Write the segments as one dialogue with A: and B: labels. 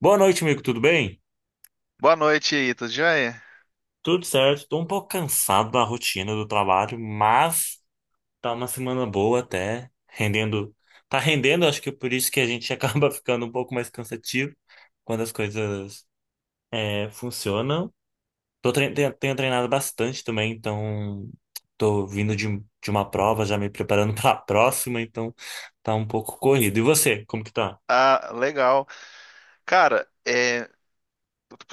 A: Boa noite, amigo. Tudo bem?
B: Boa noite aí, tudo jóia?
A: Tudo certo. Estou um pouco cansado da rotina do trabalho, mas tá uma semana boa até, rendendo. Tá rendendo, acho que é por isso que a gente acaba ficando um pouco mais cansativo quando as coisas funcionam. Tenho treinado bastante também, então tô vindo de uma prova, já me preparando para a próxima, então tá um pouco corrido. E você, como que tá?
B: Ah, legal. Cara,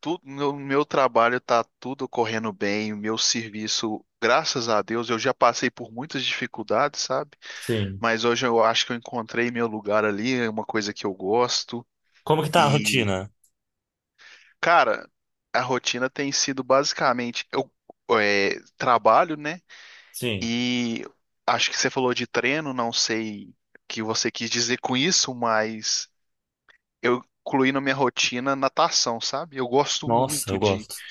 B: tudo, meu trabalho tá tudo correndo bem, o meu serviço, graças a Deus, eu já passei por muitas dificuldades, sabe?
A: Sim.
B: Mas hoje eu acho que eu encontrei meu lugar ali, é uma coisa que eu gosto.
A: Como que tá a
B: E,
A: rotina?
B: cara, a rotina tem sido basicamente, trabalho, né?
A: Sim.
B: E acho que você falou de treino, não sei o que você quis dizer com isso, mas eu incluí na minha rotina natação, sabe? Eu gosto
A: Nossa, eu
B: muito
A: gosto.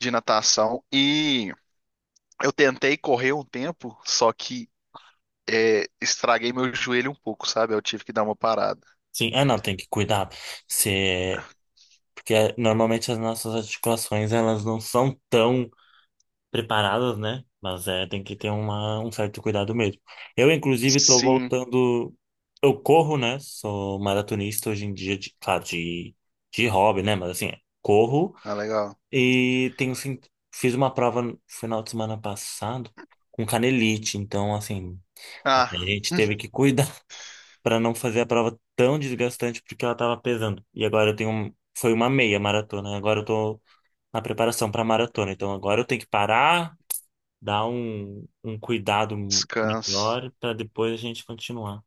B: de natação e eu tentei correr um tempo, só que estraguei meu joelho um pouco, sabe? Eu tive que dar uma parada.
A: Sim, é, não, tem que cuidar. Se... é, Porque é, normalmente as nossas articulações, elas não são tão preparadas, né? Mas é, tem que ter um certo cuidado mesmo. Eu, inclusive, tô
B: Sim,
A: voltando. Eu corro, né? Sou maratonista hoje em dia, claro, de hobby, né? Mas assim, é, corro
B: ah, legal.
A: e fiz uma prova no final de semana passado com canelite. Então, assim,
B: Ah,
A: até a gente teve que cuidar para não fazer a prova tão desgastante porque ela tava pesando. E agora eu tenho um, foi uma meia maratona, agora eu tô na preparação para maratona. Então agora eu tenho que parar, dar um cuidado
B: descanso.
A: melhor para depois a gente continuar.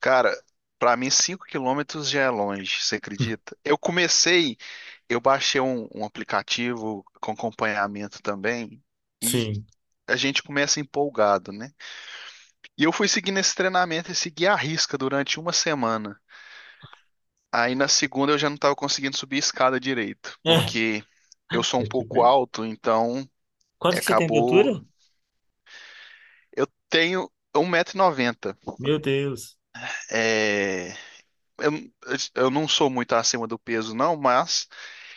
B: Cara, pra mim 5 km já é longe, você acredita? Eu comecei, eu baixei um aplicativo com acompanhamento também e
A: Sim.
B: a gente começa empolgado, né? E eu fui seguindo esse treinamento e segui à risca durante uma semana. Aí na segunda eu já não estava conseguindo subir a escada direito,
A: É,
B: porque eu sou um
A: é tipo
B: pouco
A: isso.
B: alto, então
A: Quanto que você tem de
B: acabou.
A: altura?
B: Eu tenho um 1,90 m.
A: Meu Deus.
B: É, eu, eu não sou muito acima do peso, não, mas.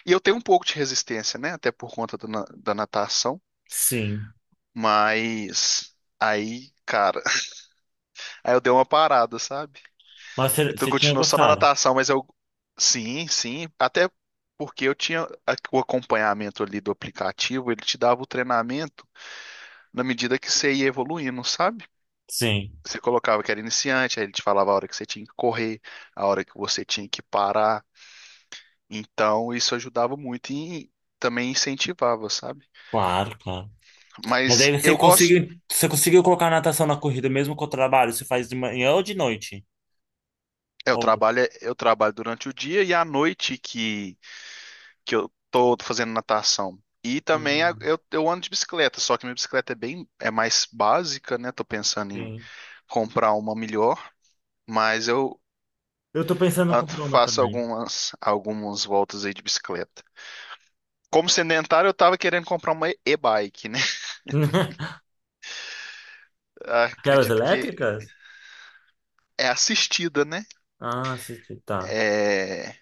B: E eu tenho um pouco de resistência, né? Até por conta do da natação.
A: Sim.
B: Mas aí, cara, aí eu dei uma parada, sabe?
A: Mas você
B: Então
A: você tinha
B: continuou só na
A: gostado?
B: natação, mas eu. Sim, sim. Até porque eu tinha o acompanhamento ali do aplicativo, ele te dava o treinamento na medida que você ia evoluindo, sabe?
A: Sim.
B: Você colocava que era iniciante, aí ele te falava a hora que você tinha que correr, a hora que você tinha que parar. Então, isso ajudava muito e também incentivava, sabe?
A: Claro, claro. Mas aí
B: Mas eu gosto.
A: você conseguiu colocar a natação na corrida mesmo com o trabalho? Você faz de manhã ou de noite?
B: Eu
A: Ou...
B: trabalho, eu trabalho durante o dia e à noite que eu tô fazendo natação. E também
A: hum,
B: eu ando de bicicleta, só que minha bicicleta é bem, é mais básica, né? Tô pensando em
A: sim.
B: comprar uma melhor, mas eu
A: Eu tô pensando em
B: ah,
A: comprar uma
B: faço
A: também.
B: algumas, algumas voltas aí de bicicleta. Como sedentário, eu tava querendo comprar uma e-bike, né?
A: Aquelas
B: Acredito que
A: elétricas?
B: é assistida, né?
A: Ah, sim, sim, tá.
B: É.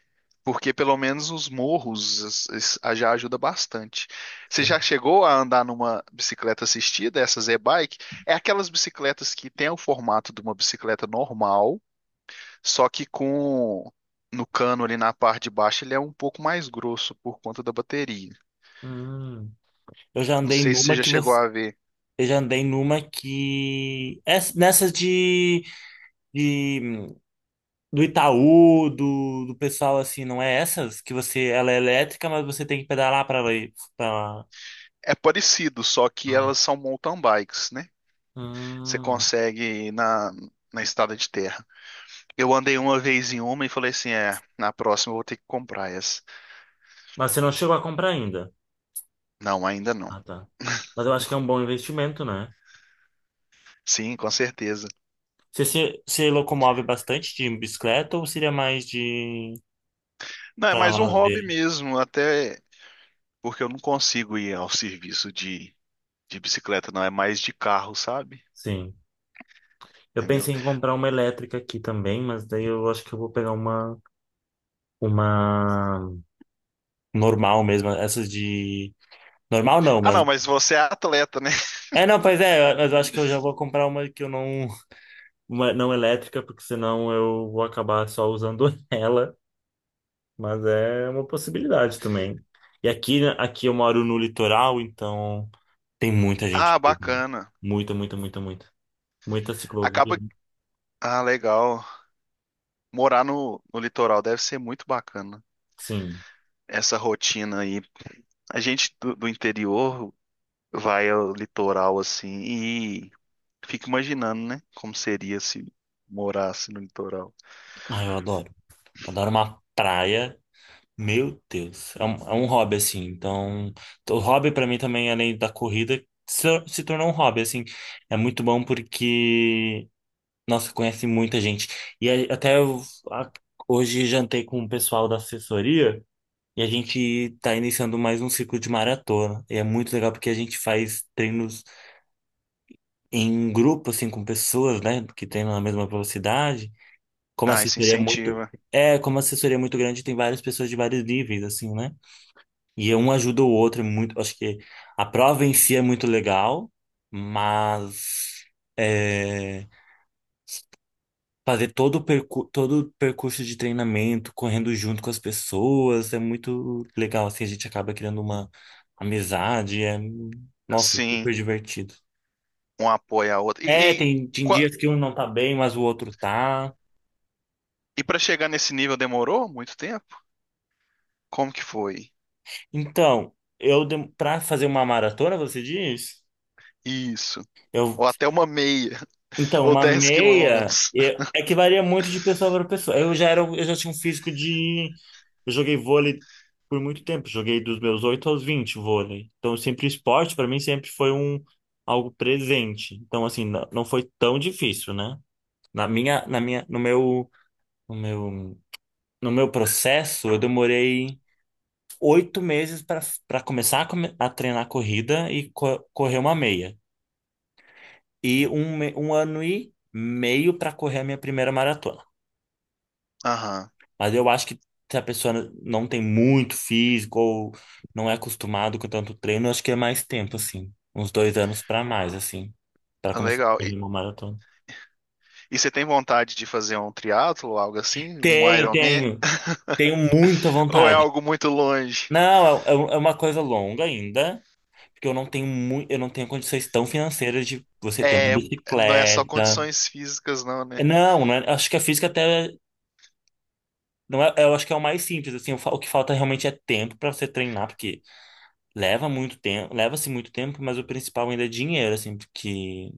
B: Porque pelo menos os morros já ajuda bastante. Você
A: Sim.
B: já chegou a andar numa bicicleta assistida, essas e-bike? É aquelas bicicletas que tem o formato de uma bicicleta normal, só que com no cano ali na parte de baixo ele é um pouco mais grosso por conta da bateria.
A: Hum. Eu já
B: Não
A: andei
B: sei se você
A: numa
B: já
A: que
B: chegou
A: você.
B: a ver.
A: Eu já andei numa que. Nessas de, de. do Itaú, do pessoal assim, não é essas? Que você. Ela é elétrica, mas você tem que pedalar pra ela ir. Pra... lá.
B: É parecido, só que
A: Ah.
B: elas são mountain bikes, né? Você
A: Hum.
B: consegue ir na estrada de terra. Eu andei uma vez em uma e falei assim, na próxima eu vou ter que comprar essa.
A: Mas você não chegou a comprar ainda.
B: Não, ainda não.
A: Ah, tá. Mas eu acho que é um bom investimento, né?
B: Sim, com certeza.
A: Você se locomove bastante de bicicleta ou seria mais de.
B: Não, é
A: Pra
B: mais um
A: lá
B: hobby
A: ver.
B: mesmo, até porque eu não consigo ir ao serviço de bicicleta, não. É mais de carro, sabe?
A: Sim. Eu
B: Entendeu?
A: pensei em comprar uma elétrica aqui também, mas daí eu acho que eu vou pegar uma normal mesmo, essas de. Normal não,
B: Ah,
A: mas.
B: não, mas você é atleta, né?
A: É, não, pois é, mas eu acho que eu já vou comprar uma que eu não. Uma não elétrica, porque senão eu vou acabar só usando ela, mas é uma possibilidade também. E aqui, né, aqui eu moro no litoral, então tem muita gente.
B: Ah, bacana.
A: Muita, muita, muita, muita. Muita ciclovia.
B: Acaba. Ah, legal. Morar no, no litoral deve ser muito bacana.
A: Sim.
B: Essa rotina aí. A gente do, do interior vai ao litoral assim e fica imaginando, né? Como seria se morasse no litoral.
A: Ah, eu adoro. Adoro uma praia. Meu Deus, é é um hobby assim. Então, o hobby pra mim também, além da corrida, se tornou um hobby assim. É muito bom porque, nossa, conhece muita gente. E aí, até a- hoje jantei com o pessoal da assessoria e a gente tá iniciando mais um ciclo de maratona. E é muito legal porque a gente faz treinos em grupo assim com pessoas, né, que treinam na mesma velocidade. Como a
B: Ah, isso
A: assessoria é muito
B: incentiva.
A: É, como a assessoria é muito grande, tem várias pessoas de vários níveis, assim, né? E um ajuda o outro é muito. Acho que a prova em si é muito legal, mas é, fazer todo o percurso de treinamento, correndo junto com as pessoas, é muito legal. Assim, a gente acaba criando uma amizade. É, nossa,
B: Sim.
A: super divertido.
B: Um apoia a outra.
A: É,
B: E,
A: tem, tem dias que um não tá bem, mas o outro tá.
B: para chegar nesse nível demorou muito tempo? Como que foi?
A: Então, Pra fazer uma maratona, você diz?
B: Isso.
A: Eu
B: Ou até uma meia,
A: Então,
B: ou
A: uma
B: 10
A: meia
B: quilômetros.
A: é é que varia muito de pessoa para pessoa. Eu já tinha um físico de. Eu joguei vôlei por muito tempo, joguei dos meus 8 aos 20 vôlei. Então, sempre esporte para mim sempre foi algo presente. Então, assim, não, não foi tão difícil, né? Na minha, no meu, no meu, no meu processo, eu demorei oito meses para começar a treinar corrida e co correr uma meia. E um ano e meio para correr a minha primeira maratona.
B: Aham,
A: Mas eu acho que se a pessoa não tem muito físico ou não é acostumado com tanto treino, eu acho que é mais tempo, assim. Uns dois anos pra mais, assim. Pra
B: ah,
A: começar a
B: legal.
A: correr uma maratona.
B: E você tem vontade de fazer um triatlo, algo assim? Um
A: Tenho,
B: Ironman?
A: tenho. Tenho muita
B: Ou é
A: vontade.
B: algo muito longe?
A: Não, é, é uma coisa longa ainda, porque eu não tenho muito, eu não tenho condições tão financeiras de você ter uma
B: É, não é só
A: bicicleta.
B: condições físicas, não,
A: É,
B: né?
A: não, acho que a física até é, não é, eu acho que é o mais simples, assim, o que falta realmente é tempo para você treinar, porque leva muito tempo, leva-se muito tempo, mas o principal ainda é dinheiro, assim, porque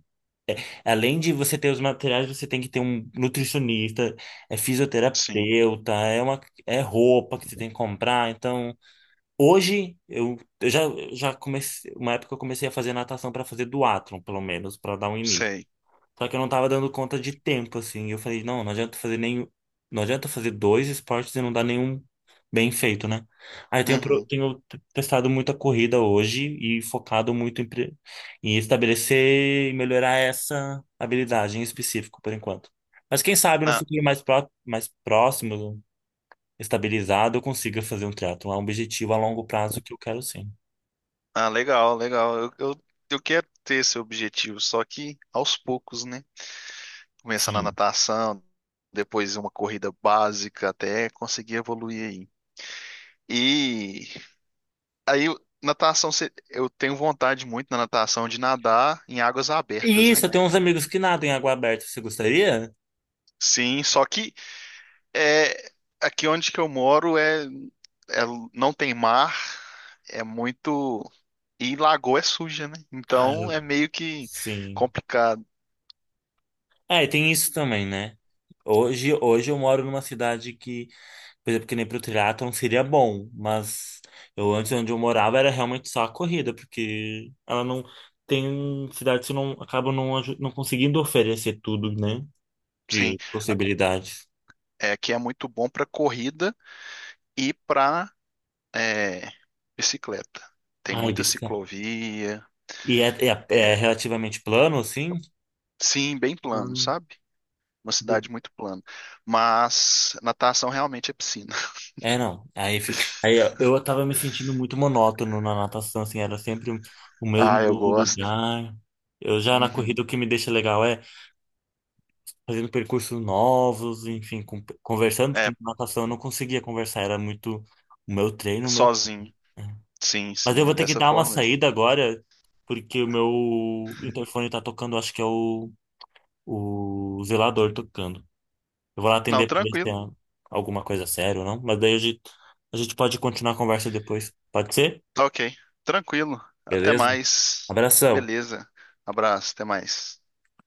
A: além de você ter os materiais, você tem que ter um nutricionista, é
B: Sim,
A: fisioterapeuta, é uma, é roupa que você tem que comprar. Então, hoje já comecei, uma época eu comecei a fazer natação para fazer duatlon, pelo menos, para dar um início.
B: sei.
A: Só que eu não tava dando conta de tempo, assim. Eu falei, não, não adianta fazer nenhum. Não adianta fazer dois esportes e não dar nenhum bem feito, né? Aí eu tenho, pro-
B: Uhum.
A: Tenho testado muita corrida hoje e focado muito em, em estabelecer e melhorar essa habilidade em específico, por enquanto. Mas quem sabe no
B: Ah,
A: futuro mais próximo, estabilizado, eu consiga fazer um triatlo. É um objetivo a longo prazo que eu quero sim.
B: ah, legal, legal. Eu quero ter esse objetivo, só que aos poucos, né? Começar na
A: Sim.
B: natação, depois uma corrida básica até conseguir evoluir aí. E aí natação, eu tenho vontade muito na natação de nadar em águas
A: E
B: abertas,
A: isso,
B: né?
A: eu tenho uns amigos que nadam em água aberta. Você gostaria?
B: Sim, só que é aqui onde que eu moro é- não tem mar, é muito e lagoa é suja, né?
A: Ah,
B: Então
A: eu-
B: é meio que
A: sim.
B: complicado.
A: É, e tem isso também, né? Hoje, hoje eu moro numa cidade que, por exemplo, que nem pro triatlon seria bom, mas eu antes onde eu morava era realmente só a corrida, porque ela não tem cidades que não acabam não, não conseguindo oferecer tudo, né?
B: Sim,
A: De possibilidades.
B: é que é muito bom para corrida e para É, bicicleta. Tem
A: Ai,
B: muita
A: bisca.
B: ciclovia.
A: E é, é, é
B: é,
A: relativamente plano, assim?
B: sim, bem plano, sabe? Uma cidade
A: Ah,
B: muito plana. Mas natação realmente é piscina.
A: é, não. Aí ó, eu tava me sentindo muito monótono na natação, assim, era sempre o mesmo
B: Ah, eu gosto.
A: lugar. Eu já na corrida o
B: Uhum.
A: que me deixa legal é fazendo percursos novos, enfim, conversando, porque
B: É,
A: na natação eu não conseguia conversar, era muito o meu treino, o meu
B: sozinho.
A: treino.
B: Sim,
A: Mas eu
B: sim, é
A: vou ter que
B: dessa
A: dar uma
B: forma mesmo.
A: saída agora, porque o meu interfone tá tocando, acho que é o zelador tocando. Eu vou lá
B: Não,
A: atender pra ver se é
B: tranquilo.
A: alguma coisa séria ou não. Mas daí a gente pode continuar a conversa depois. Pode ser?
B: Tá ok. Tranquilo. Até
A: Beleza?
B: mais.
A: Abração.
B: Beleza. Abraço, até mais.